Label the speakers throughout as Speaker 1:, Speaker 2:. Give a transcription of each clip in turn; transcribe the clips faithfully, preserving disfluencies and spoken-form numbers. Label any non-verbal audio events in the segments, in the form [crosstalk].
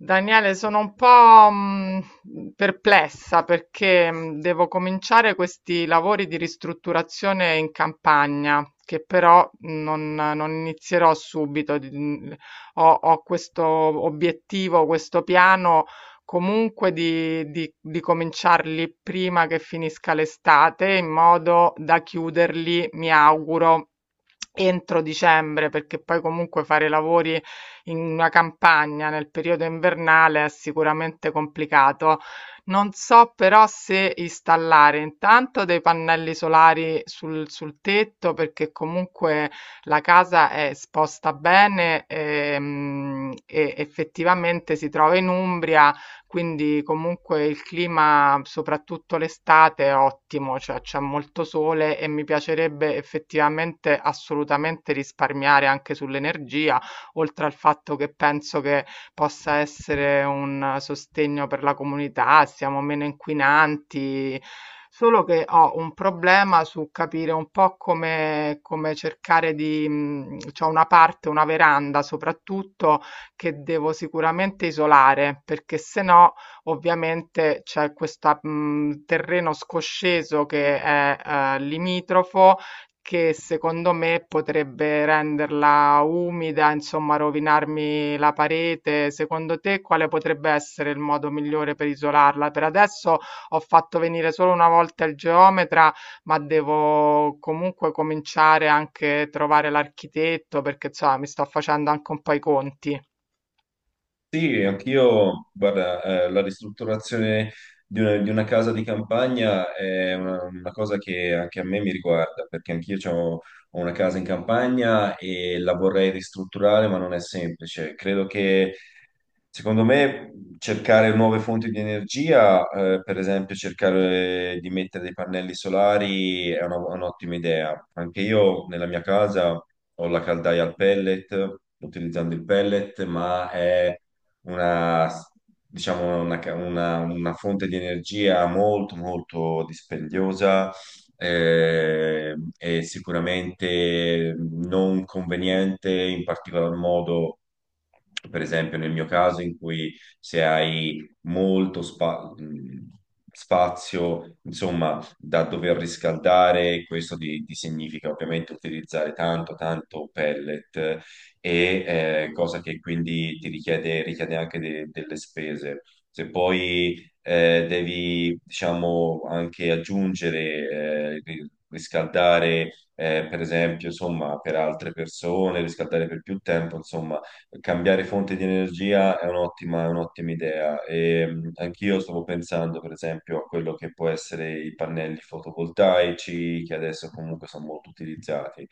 Speaker 1: Daniele, sono un po' mh, perplessa perché mh, devo cominciare questi lavori di ristrutturazione in campagna, che però non, non inizierò subito. di- mm, Ho, ho questo obiettivo, questo piano comunque di, di, di cominciarli prima che finisca l'estate, in modo da chiuderli, mi auguro, entro dicembre, perché poi comunque fare i lavori in una campagna nel periodo invernale è sicuramente complicato. Non so però se installare intanto dei pannelli solari sul, sul tetto, perché comunque la casa è esposta bene ehm, e effettivamente si trova in Umbria, quindi comunque il clima, soprattutto l'estate, è ottimo, cioè c'è molto sole e mi piacerebbe effettivamente assolutamente risparmiare anche sull'energia, oltre al fatto che penso che possa essere un sostegno per la comunità, siamo meno inquinanti. Solo che ho un problema su capire un po' come, come cercare di... mh, c'ho una parte, una veranda soprattutto, che devo sicuramente isolare, perché se no ovviamente c'è questo terreno scosceso che è eh, limitrofo, che secondo me potrebbe renderla umida, insomma, rovinarmi la parete. Secondo te quale potrebbe essere il modo migliore per isolarla? Per adesso ho fatto venire solo una volta il geometra, ma devo comunque cominciare anche a trovare l'architetto perché, insomma, mi sto facendo anche un po' i conti.
Speaker 2: Sì, anch'io, guarda, eh, la ristrutturazione di una, di una casa di campagna è una, una cosa che anche a me mi riguarda, perché anch'io c'ho- ho una casa in campagna e la vorrei ristrutturare, ma non è semplice. Credo che, secondo me, cercare nuove fonti di energia, eh, per esempio cercare di mettere dei pannelli solari, è una- un'ottima idea. Anche io nella mia casa ho la caldaia al pellet, utilizzando il pellet, ma è una, diciamo, una, ca- una- una fonte di energia molto, molto dispendiosa eh, e sicuramente non conveniente, in particolar modo, per esempio, nel mio caso, in cui se hai molto spa- mh, spazio, insomma, da dover riscaldare, questo ti, ti significa ovviamente utilizzare tanto, tanto pellet e eh, cosa che quindi ti richiede, richiede anche de- delle spese. Se poi eh, devi, diciamo, anche aggiungere, eh, ri- riscaldare, eh, per esempio, insomma, per altre persone, riscaldare per più tempo, insomma, cambiare fonte di energia è un'ottima, è un'ottima idea. E, mh, anch'io stavo pensando, per esempio, a quello che può essere i pannelli fotovoltaici, che adesso comunque sono molto utilizzati,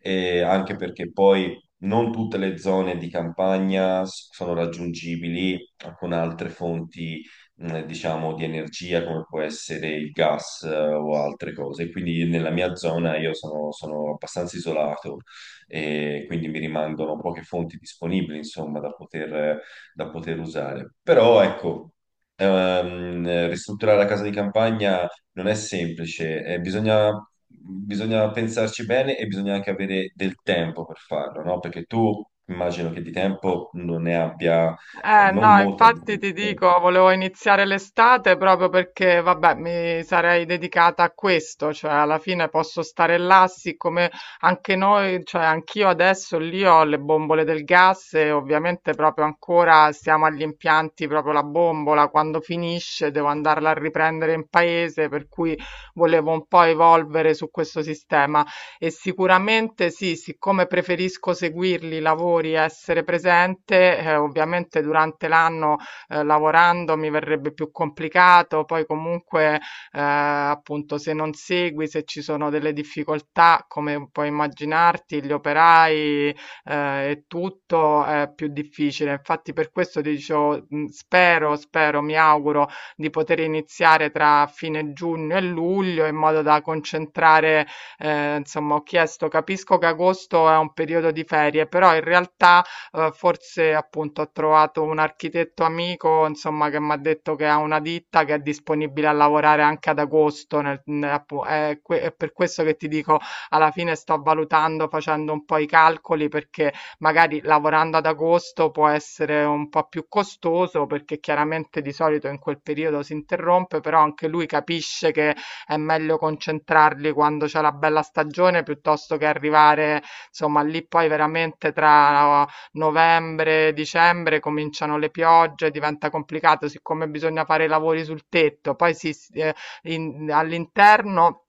Speaker 2: e anche perché poi non tutte le zone di campagna s- sono raggiungibili con altre fonti, mh, diciamo, di energia, come può essere il gas, eh, o altre cose. Quindi nella mia zona io sono, sono abbastanza isolato e quindi mi rimangono poche fonti disponibili, insomma, da poter, da poter usare. Però ecco, ehm, ristrutturare la casa di campagna non è semplice, eh, bisogna, bisogna pensarci bene e bisogna anche avere del tempo per farlo, no? Perché tu immagino che di tempo non ne abbia, eh,
Speaker 1: Eh
Speaker 2: non
Speaker 1: no,
Speaker 2: molta.
Speaker 1: infatti ti dico, volevo iniziare l'estate proprio perché, vabbè, mi sarei dedicata a questo, cioè alla fine posso stare là, siccome anche noi, cioè anch'io adesso lì ho le bombole del gas e ovviamente proprio ancora siamo agli impianti, proprio la bombola, quando finisce devo andarla a riprendere in paese, per cui volevo un po' evolvere su questo sistema, e sicuramente sì, siccome preferisco seguirli i lavori, essere presente, eh, ovviamente durante l'anno, eh, lavorando mi verrebbe più complicato, poi comunque eh, appunto se non segui, se ci sono delle difficoltà, come puoi immaginarti, gli operai eh, e tutto è più difficile. Infatti per questo ti dicevo, mh, spero, spero, mi auguro di poter iniziare tra fine giugno e luglio in modo da concentrare, eh, insomma, ho chiesto, capisco che agosto è un periodo di ferie, però in realtà eh, forse appunto ho trovato un architetto amico, insomma, che mi ha detto che ha una ditta che è disponibile a lavorare anche ad agosto, nel- ne- appu- è, que- è per questo che ti dico, alla fine sto valutando, facendo un po' i calcoli, perché magari lavorando ad agosto può essere un po' più costoso, perché chiaramente di solito in quel periodo si interrompe, però anche lui capisce che è meglio concentrarli quando c'è la bella stagione piuttosto che arrivare, insomma, lì poi veramente tra novembre e dicembre cominciano le piogge, diventa complicato, siccome bisogna fare i lavori sul tetto, poi si, eh, in- all'interno.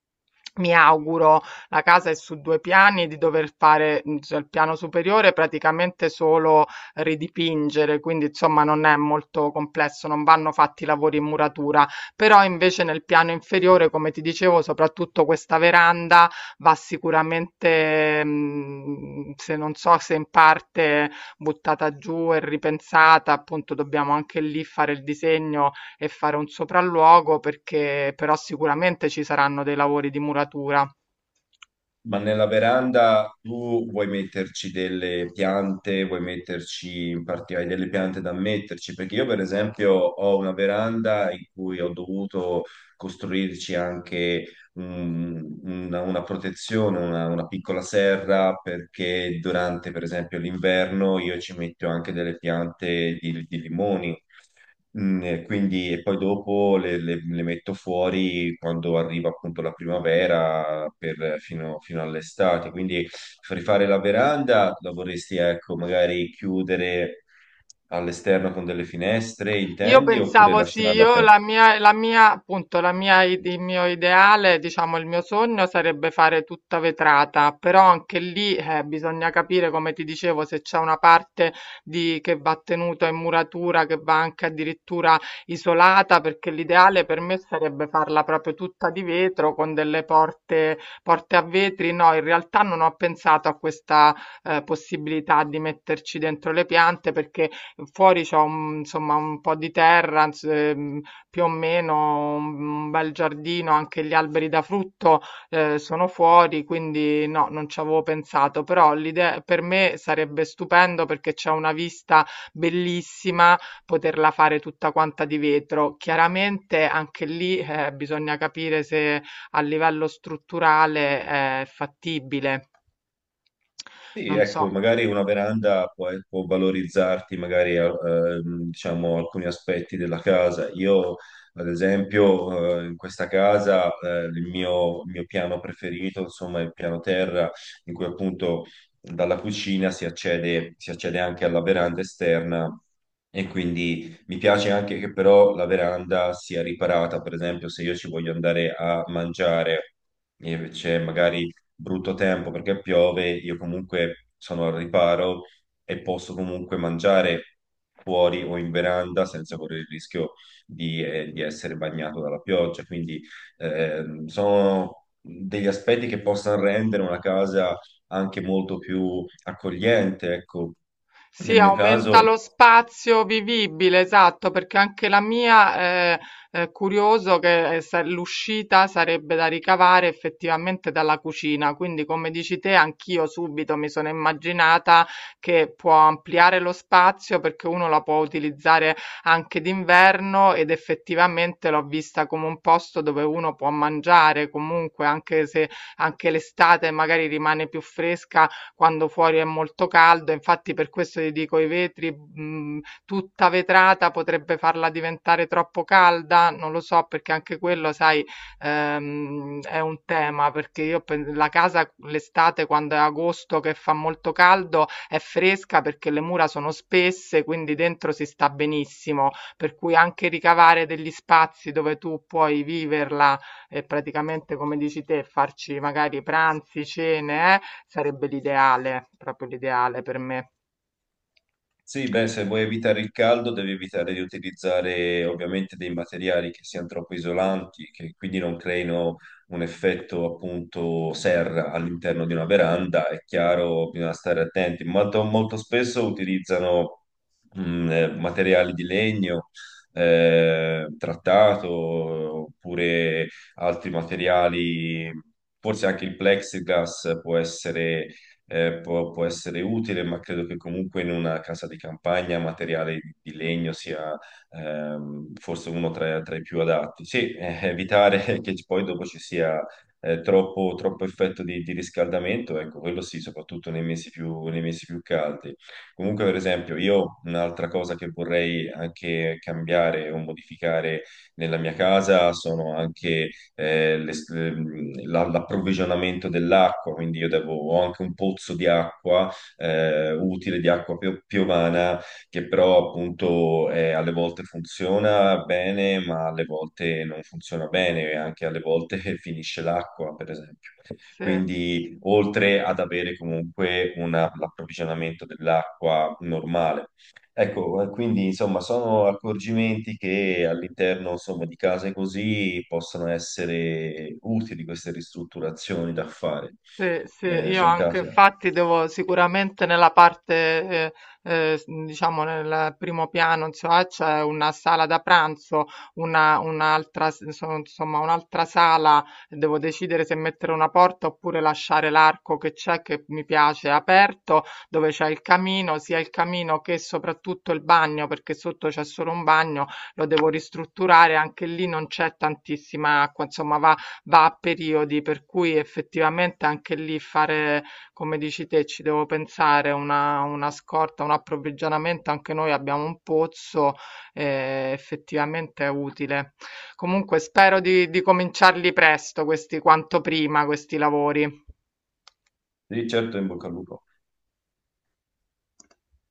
Speaker 1: Mi auguro, la casa è su due piani, di dover fare mm, cioè, il piano superiore praticamente solo ridipingere, quindi insomma non è molto complesso, non vanno fatti lavori in muratura, però invece nel piano inferiore, come ti dicevo, soprattutto questa veranda va sicuramente, mh, se non so se in parte buttata giù e ripensata, appunto dobbiamo anche lì fare il disegno e fare un sopralluogo perché però sicuramente ci saranno dei lavori di muratura.
Speaker 2: Ma nella veranda tu vuoi metterci delle piante, vuoi metterci in particolare delle piante da metterci? Perché io, per esempio, ho una veranda in cui ho dovuto costruirci anche un- una, una protezione, una, una piccola serra, perché durante, per esempio, l'inverno io ci metto anche delle piante di, di limoni. Mm, e quindi e poi dopo le, le- le metto fuori quando arriva appunto la primavera per- fino, fino all'estate. Quindi rifare la veranda la vorresti, ecco, magari chiudere all'esterno con delle finestre,
Speaker 1: Io
Speaker 2: intendi, oppure
Speaker 1: pensavo sì,
Speaker 2: lasciarla
Speaker 1: io
Speaker 2: aperta?
Speaker 1: la mia la mia appunto, la mia, i il mio ideale, diciamo il mio sogno sarebbe fare tutta vetrata, però anche lì, eh, bisogna capire, come ti dicevo, se c'è una parte di che va tenuta in muratura, che va anche addirittura isolata, perché l'ideale per me sarebbe farla proprio tutta di vetro con delle porte porte a vetri. No, in realtà non ho pensato a questa, ehm, possibilità di metterci dentro le piante perché fuori c'ho un, insomma, un po' di terra, ins ehm, più o meno un un bel giardino, anche gli alberi da frutto, ehm, sono fuori, quindi no, non ci avevo pensato, però l'ide per me sarebbe stupendo perché c'è una vista bellissima, poterla fare tutta quanta di vetro. Chiaramente anche lì, eh, bisogna capire se a livello strutturale è fattibile.
Speaker 2: Sì,
Speaker 1: Non so.
Speaker 2: ecco, magari una veranda può, può valorizzarti magari eh, ehm, diciamo, alcuni aspetti della casa. Io, ad esempio, eh, in questa casa eh, il mio, il mio piano preferito, insomma, è il piano terra, in cui appunto dalla cucina si accede, si accede anche alla veranda esterna e quindi mi piace anche che però la veranda sia riparata, per esempio, se io ci voglio andare a mangiare e c'è magari brutto tempo perché piove, io comunque sono al riparo e posso comunque mangiare fuori o in veranda senza correre il rischio di, eh, di essere bagnato dalla pioggia. Quindi ehm, sono degli aspetti che possono rendere una casa anche molto più accogliente, ecco. Nel
Speaker 1: Sì,
Speaker 2: mio
Speaker 1: aumenta
Speaker 2: caso.
Speaker 1: lo spazio vivibile, esatto, perché anche la mia eh, è curioso che eh, sa- l'uscita sarebbe da ricavare effettivamente dalla cucina, quindi come dici te, anch'io subito mi sono immaginata che può ampliare lo spazio perché uno la può utilizzare anche d'inverno ed effettivamente l'ho vista come un posto dove uno può mangiare comunque, anche se anche l'estate magari rimane più fresca quando fuori è molto caldo, infatti per questo ti dico i vetri, mh, tutta vetrata potrebbe farla diventare troppo calda, non lo so perché anche quello, sai, ehm, è un tema, perché io pen- la casa l'estate quando è agosto che fa molto caldo è fresca perché le mura sono spesse, quindi dentro si sta benissimo, per cui anche ricavare degli spazi dove tu puoi viverla e praticamente come dici te farci magari pranzi, cene, eh, sarebbe l'ideale, proprio l'ideale per me.
Speaker 2: Sì, beh, se vuoi evitare il caldo devi evitare di utilizzare ovviamente dei materiali che siano troppo isolanti, che quindi non creino un effetto appunto serra all'interno di una veranda. È chiaro, bisogna stare attenti. Molto, molto spesso utilizzano mh, eh, materiali di legno eh, trattato oppure altri materiali, forse anche il plexiglass può essere eh, può, può essere utile, ma credo che comunque in una casa di campagna materiale di, di legno sia ehm, forse uno tra, tra i più adatti. Sì, eh, evitare [laughs] che poi dopo ci sia eh, troppo, troppo effetto di, di riscaldamento, ecco, quello sì, soprattutto nei mesi più, nei mesi più caldi. Comunque, per esempio, io un'altra cosa che vorrei anche cambiare o modificare nella mia casa sono anche eh, l'es- ehm, la- l'approvvigionamento dell'acqua, quindi io devo, ho anche un pozzo di acqua eh, utile, di acqua pio- piovana, che però appunto eh, alle volte funziona bene, ma alle volte non funziona bene, e anche alle volte [laughs] finisce l'acqua, per esempio.
Speaker 1: Sì.
Speaker 2: Quindi, oltre ad avere comunque una- l'approvvigionamento dell'acqua normale, ecco, eh, quindi insomma sono accorgimenti che all'interno insomma, di case così possono essere utili queste ristrutturazioni da fare.
Speaker 1: Sì, sì,
Speaker 2: Eh,
Speaker 1: io
Speaker 2: sono
Speaker 1: anche
Speaker 2: case.
Speaker 1: infatti devo sicuramente nella parte, eh, eh, s- diciamo nel primo piano, insomma, c'è una sala da pranzo, una, un'altra, s- insomma, insomma, un'altra sala, devo decidere se mettere una porta oppure lasciare l'arco che c'è, che mi piace, aperto, dove c'è il camino, sia il camino che soprattutto il bagno, perché sotto c'è solo un bagno, lo devo ristrutturare, anche lì non c'è tantissima acqua, insomma, va va a periodi, per cui effettivamente anche lì fare, come dici te, ci devo pensare una, una scorta, un approvvigionamento, anche noi abbiamo un pozzo, eh, effettivamente è utile. Comunque spero di, di cominciarli presto, questi quanto prima, questi lavori.
Speaker 2: Sì, certo, in bocca al lupo.